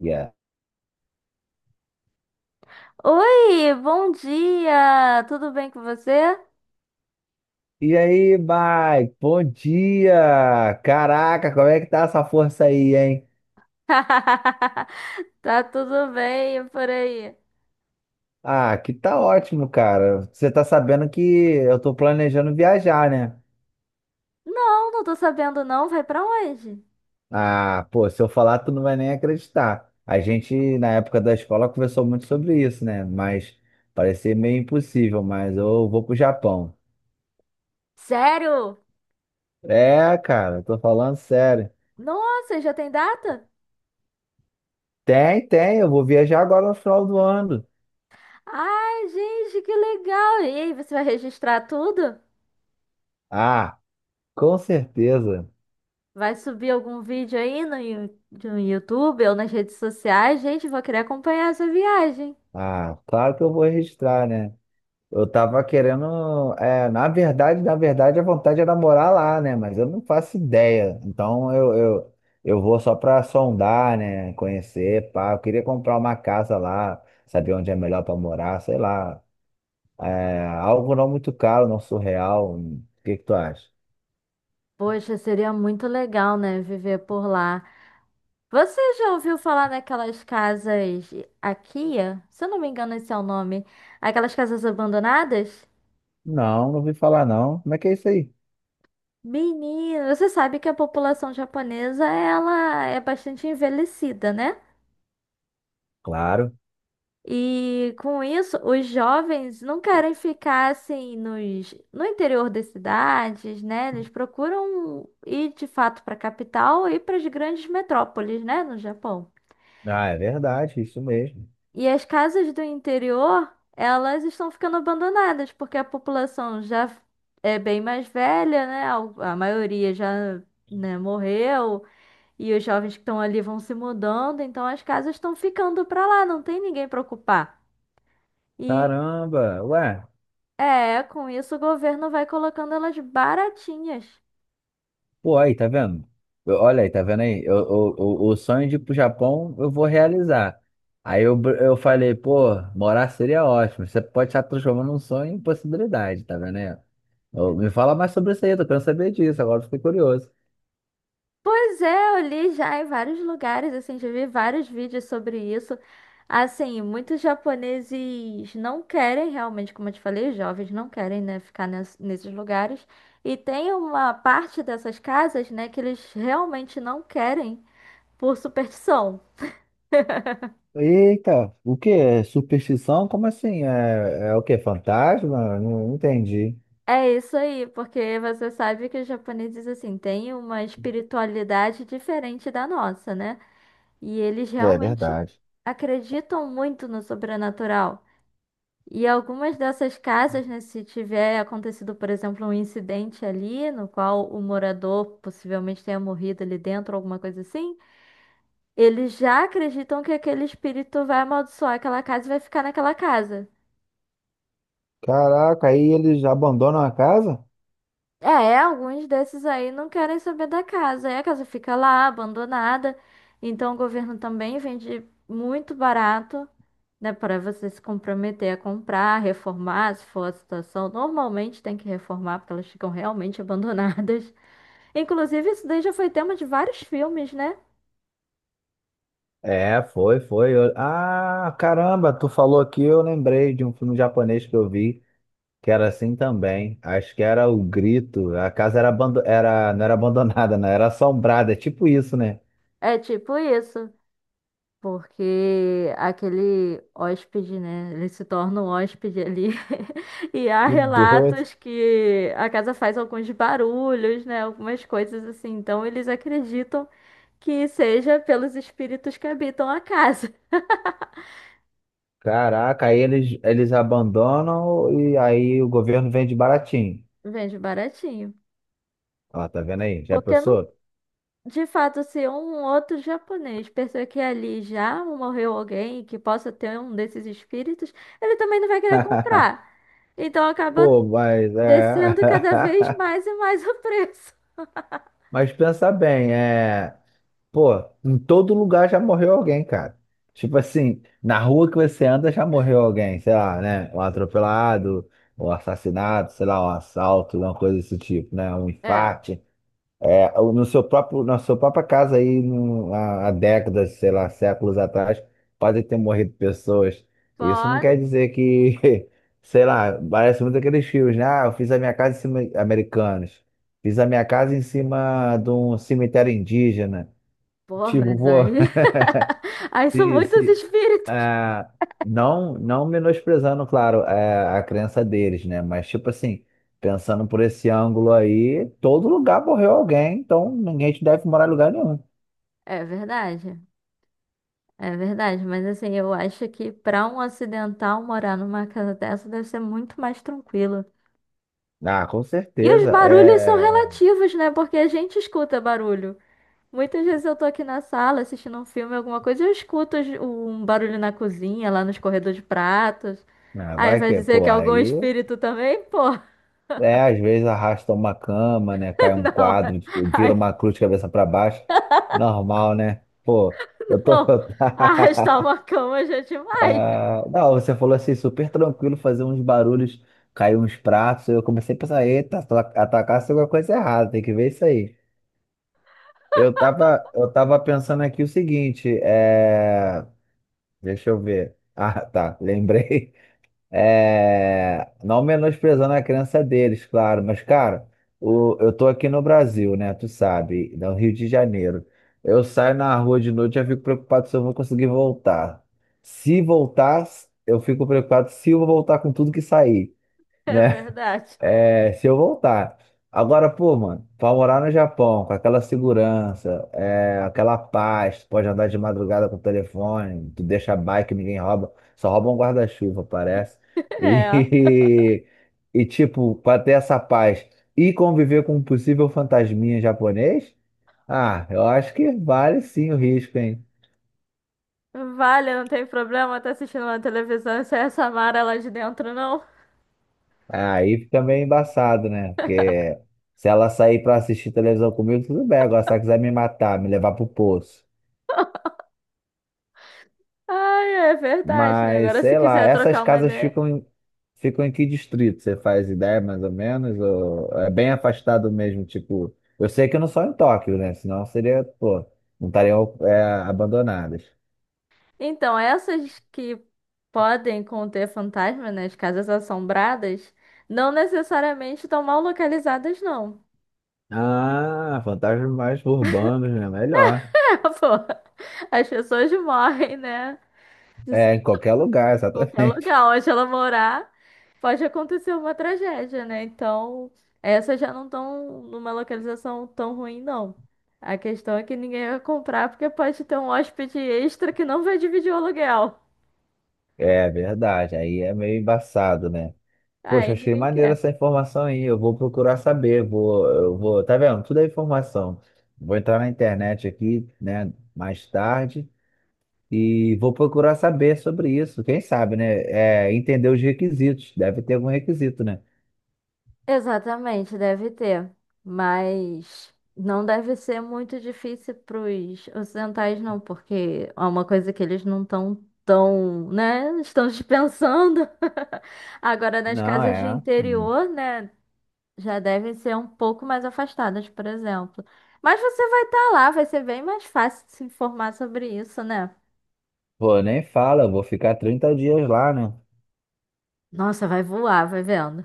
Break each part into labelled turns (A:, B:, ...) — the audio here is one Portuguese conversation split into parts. A: Yeah.
B: Oi, bom dia! Tudo bem com você?
A: E aí, Mike? Bom dia! Caraca, como é que tá essa força aí, hein?
B: Tá tudo bem por aí?
A: Ah, que tá ótimo, cara. Você tá sabendo que eu tô planejando viajar, né?
B: Não, não tô sabendo não. Vai pra onde?
A: Ah, pô, se eu falar, tu não vai nem acreditar. A gente, na época da escola, conversou muito sobre isso, né? Mas parecia meio impossível, mas eu vou pro Japão.
B: Sério?
A: É, cara, eu tô falando sério.
B: Nossa, já tem data?
A: Tem, tem, eu vou viajar agora no final do ano.
B: Ai, gente, que legal! E aí, você vai registrar tudo?
A: Ah, com certeza.
B: Vai subir algum vídeo aí no, no YouTube ou nas redes sociais? Gente, vou querer acompanhar essa viagem.
A: Ah, claro que eu vou registrar, né? Eu tava querendo, é, na verdade, a vontade era morar lá, né? Mas eu não faço ideia. Então eu vou só pra sondar, né? Conhecer, pá. Eu queria comprar uma casa lá, saber onde é melhor pra morar, sei lá. É, algo não muito caro, não surreal. O que que tu acha?
B: Poxa, seria muito legal, né? Viver por lá. Você já ouviu falar naquelas casas Akia? Se eu não me engano, esse é o nome. Aquelas casas abandonadas?
A: Não, não ouvi falar não. Como é que é isso aí?
B: Menino, você sabe que a população japonesa ela é bastante envelhecida, né?
A: Claro.
B: E com isso, os jovens não querem ficar assim no interior das cidades, né? Eles procuram ir de fato para a capital e para as grandes metrópoles, né, no Japão.
A: Ah, é verdade, isso mesmo.
B: E as casas do interior, elas estão ficando abandonadas, porque a população já é bem mais velha, né? A maioria já, né, morreu, e os jovens que estão ali vão se mudando, então as casas estão ficando para lá, não tem ninguém para ocupar. E
A: Caramba, ué.
B: é, com isso o governo vai colocando elas baratinhas.
A: Pô, aí, tá vendo? Olha aí, tá vendo aí? O sonho de ir pro Japão eu vou realizar. Aí eu, eu falei, pô, morar seria ótimo. Você pode estar transformando um sonho em possibilidade, tá vendo aí? Me fala mais sobre isso aí, tô querendo saber disso, agora eu fiquei curioso.
B: Pois é, eu li já em vários lugares, assim, já vi vários vídeos sobre isso. Assim, muitos japoneses não querem realmente, como eu te falei, os jovens não querem, né, ficar nesses lugares. E tem uma parte dessas casas, né, que eles realmente não querem por superstição.
A: Eita, o que é superstição? Como assim? É, é o que? Fantasma? Não, não entendi.
B: É isso aí, porque você sabe que os japoneses, assim, têm uma espiritualidade diferente da nossa, né? E eles
A: É
B: realmente
A: verdade.
B: acreditam muito no sobrenatural. E algumas dessas casas, né, se tiver acontecido, por exemplo, um incidente ali, no qual o morador possivelmente tenha morrido ali dentro, alguma coisa assim, eles já acreditam que aquele espírito vai amaldiçoar aquela casa e vai ficar naquela casa.
A: Caraca, aí eles abandonam a casa?
B: É, alguns desses aí não querem saber da casa. Aí a casa fica lá, abandonada. Então o governo também vende muito barato, né? Para você se comprometer a comprar, reformar, se for a situação. Normalmente tem que reformar, porque elas ficam realmente abandonadas. Inclusive, isso daí já foi tema de vários filmes, né?
A: É, foi, foi. Ah, caramba, tu falou aqui, eu lembrei de um filme japonês que eu vi, que era assim também. Acho que era O Grito. A casa era, abando... era... não era abandonada, não, era assombrada, é tipo isso, né?
B: É tipo isso. Porque aquele hóspede, né? Ele se torna um hóspede ali. E há
A: Que doido.
B: relatos que a casa faz alguns barulhos, né? Algumas coisas assim. Então eles acreditam que seja pelos espíritos que habitam a casa.
A: Caraca, aí eles abandonam e aí o governo vende baratinho.
B: Vende baratinho.
A: Ó, tá vendo aí? Já
B: Porque não,
A: pensou?
B: de fato, se um outro japonês perceber que ali já morreu alguém e que possa ter um desses espíritos, ele também não vai querer comprar. Então acaba
A: Pô, mas é.
B: descendo cada vez mais o preço.
A: Mas pensa bem, é. Pô, em todo lugar já morreu alguém, cara. Tipo assim, na rua que você anda já morreu alguém, sei lá, né? Um atropelado, um assassinato, sei lá, um assalto, uma coisa desse tipo, né? Um
B: É,
A: infarte. É, no seu próprio, na sua própria casa aí, no, há décadas, sei lá, séculos atrás, podem ter morrido pessoas. Isso não
B: pode.
A: quer dizer que, sei lá, parece muito aqueles filmes, né? Ah, eu fiz a minha casa em cima, americanos. Fiz a minha casa em cima de um cemitério indígena.
B: Porra,
A: Tipo,
B: mas
A: pô,
B: aí. Aí são
A: se,
B: muitos
A: se,
B: espíritos.
A: ah, não, não menosprezando, claro, a crença deles, né? Mas, tipo assim, pensando por esse ângulo aí, todo lugar morreu alguém, então ninguém te deve morar em lugar nenhum.
B: É verdade. É verdade. Mas assim, eu acho que pra um ocidental morar numa casa dessa deve ser muito mais tranquilo.
A: Ah, com
B: E os
A: certeza.
B: barulhos são
A: É,
B: relativos, né? Porque a gente escuta barulho. Muitas vezes eu tô aqui na sala assistindo um filme, alguma coisa, e eu escuto um barulho na cozinha, lá nos corredores de pratos.
A: ah,
B: Aí
A: vai
B: vai
A: que,
B: dizer
A: pô,
B: que é algum
A: aí,
B: espírito também, pô.
A: é, às vezes arrasta uma cama, né? Cai um
B: Não,
A: quadro,
B: aí
A: vira uma cruz de cabeça para baixo. Normal, né? Pô, eu tô.
B: não. Arrastar uma cama já é demais.
A: Ah, não, você falou assim, super tranquilo, fazer uns barulhos, cair uns pratos. Eu comecei a pensar, eita, atacar se alguma coisa errada, tem que ver isso aí. Eu tava pensando aqui o seguinte, é... deixa eu ver. Ah, tá, lembrei. É, não menosprezando a crença deles, claro, mas, cara, eu tô aqui no Brasil, né? Tu sabe, no Rio de Janeiro. Eu saio na rua de noite, e eu fico preocupado se eu vou conseguir voltar. Se voltar, eu fico preocupado se eu vou voltar com tudo que sair,
B: É
A: né?
B: verdade.
A: É, se eu voltar. Agora, pô, mano, pra morar no Japão, com aquela segurança, é, aquela paz, tu pode andar de madrugada com o telefone, tu deixa a bike, ninguém rouba, só rouba um guarda-chuva, parece.
B: É.
A: E, e, tipo, pra ter essa paz e conviver com um possível fantasminha japonês, ah, eu acho que vale sim o risco, hein?
B: Vale, não tem problema tá assistindo uma televisão sem essa Mara lá de dentro, não.
A: Aí fica meio embaçado, né? Porque se ela sair pra assistir televisão comigo, tudo bem, agora se ela quiser me matar, me levar pro poço.
B: Ai, é verdade, né?
A: Mas,
B: Agora, se
A: sei lá,
B: quiser
A: essas
B: trocar uma
A: casas
B: ideia.
A: ficam em que distrito? Você faz ideia, mais ou menos? Ou é bem afastado mesmo, tipo... Eu sei que eu não só em Tóquio, né? Senão seria, pô, não estariam é, abandonadas.
B: Então, essas que podem conter fantasma nas casas assombradas, não necessariamente estão mal localizadas, não.
A: Ah, fantasmas mais urbanos, né? Melhor.
B: É, pô, as pessoas morrem, né?
A: É, em qualquer lugar,
B: Qualquer
A: exatamente.
B: lugar onde ela morar, pode acontecer uma tragédia, né? Então, essas já não estão numa localização tão ruim, não. A questão é que ninguém vai comprar porque pode ter um hóspede extra que não vai dividir o aluguel.
A: É verdade, aí é meio embaçado, né? Poxa,
B: Aí
A: achei
B: ninguém
A: maneiro
B: quer.
A: essa informação aí. Eu vou procurar saber. Vou, eu vou, tá vendo? Tudo é informação. Vou entrar na internet aqui, né, mais tarde e vou procurar saber sobre isso. Quem sabe, né? É, entender os requisitos. Deve ter algum requisito, né?
B: Exatamente, deve ter. Mas não deve ser muito difícil para os ocidentais, não, porque é uma coisa que eles não estão tão, né? Estão dispensando. Agora, nas
A: Não,
B: casas de
A: é. Hum.
B: interior, né? Já devem ser um pouco mais afastadas, por exemplo. Mas você vai estar lá, vai ser bem mais fácil de se informar sobre isso, né?
A: Pô, nem fala. Eu vou ficar 30 dias lá, né?
B: Nossa, vai voar, vai vendo.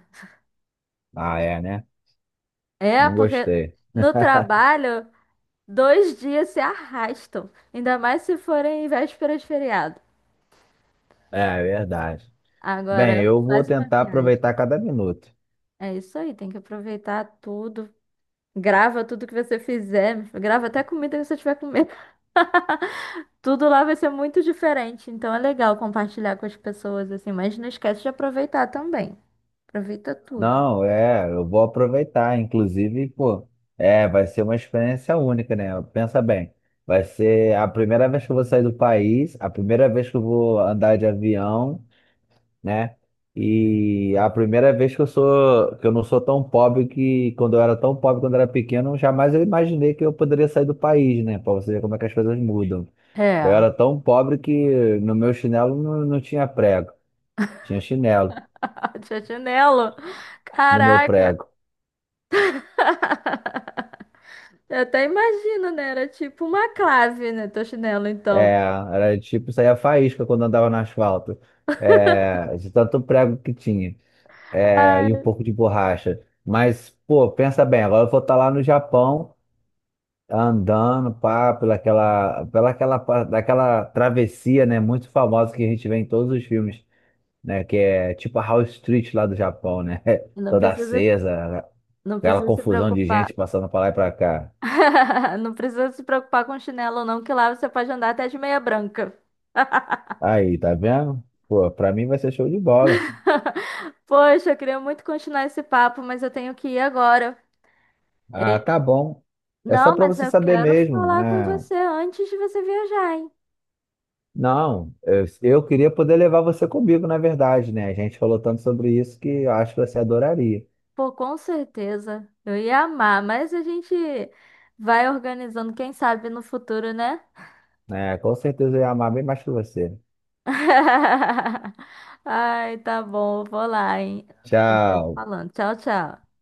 A: Ah, é, né?
B: É,
A: Não
B: porque
A: gostei.
B: no trabalho, 2 dias se arrastam. Ainda mais se forem em véspera de feriado.
A: É, é verdade. Bem,
B: Agora,
A: eu vou
B: faz uma
A: tentar
B: viagem.
A: aproveitar cada minuto.
B: É isso aí, tem que aproveitar tudo. Grava tudo que você fizer. Grava até a comida que você tiver comendo. Tudo lá vai ser muito diferente, então é legal compartilhar com as pessoas assim, mas não esquece de aproveitar também. Aproveita tudo.
A: Não, é, eu vou aproveitar. Inclusive, pô, é, vai ser uma experiência única, né? Pensa bem, vai ser a primeira vez que eu vou sair do país, a primeira vez que eu vou andar de avião, né? E a primeira vez que eu sou, que eu não sou tão pobre que quando eu era tão pobre quando eu era pequeno, jamais eu imaginei que eu poderia sair do país, né? Pra você ver como é que as coisas mudam. Eu
B: É.
A: era tão pobre que no meu chinelo não tinha prego, tinha chinelo
B: Tia Chinelo,
A: no meu
B: caraca,
A: prego.
B: eu até imagino, né? Era tipo uma clave, né? Tia Chinelo, então.
A: É, era tipo, saía faísca quando andava no asfalto. É, de tanto prego que tinha. É, e um
B: Ai,
A: pouco de borracha. Mas, pô, pensa bem, agora eu vou estar lá no Japão, andando, pá, pelaquela, daquela travessia, né, muito famosa que a gente vê em todos os filmes, né, que é tipo a House Street lá do Japão, né?
B: não
A: Toda
B: precisa,
A: acesa,
B: não
A: aquela
B: precisa se
A: confusão de
B: preocupar.
A: gente passando pra lá e pra cá.
B: Não precisa se preocupar com chinelo, não, que lá você pode andar até de meia branca.
A: Aí, tá vendo? Pô, pra mim vai ser show de bola.
B: Poxa, eu queria muito continuar esse papo, mas eu tenho que ir agora.
A: Ah,
B: É.
A: tá bom. É só
B: Não,
A: para
B: mas
A: você
B: eu
A: saber
B: quero
A: mesmo,
B: falar com
A: né?
B: você antes de você viajar, hein?
A: Não, eu queria poder levar você comigo, na verdade, né? A gente falou tanto sobre isso que eu acho que você adoraria,
B: Pô, com certeza. Eu ia amar, mas a gente vai organizando, quem sabe no futuro, né?
A: né? Com certeza eu ia amar bem mais que você.
B: Ai, tá bom, eu vou lá, hein? A gente vai se
A: Tchau.
B: falando. Tchau, tchau.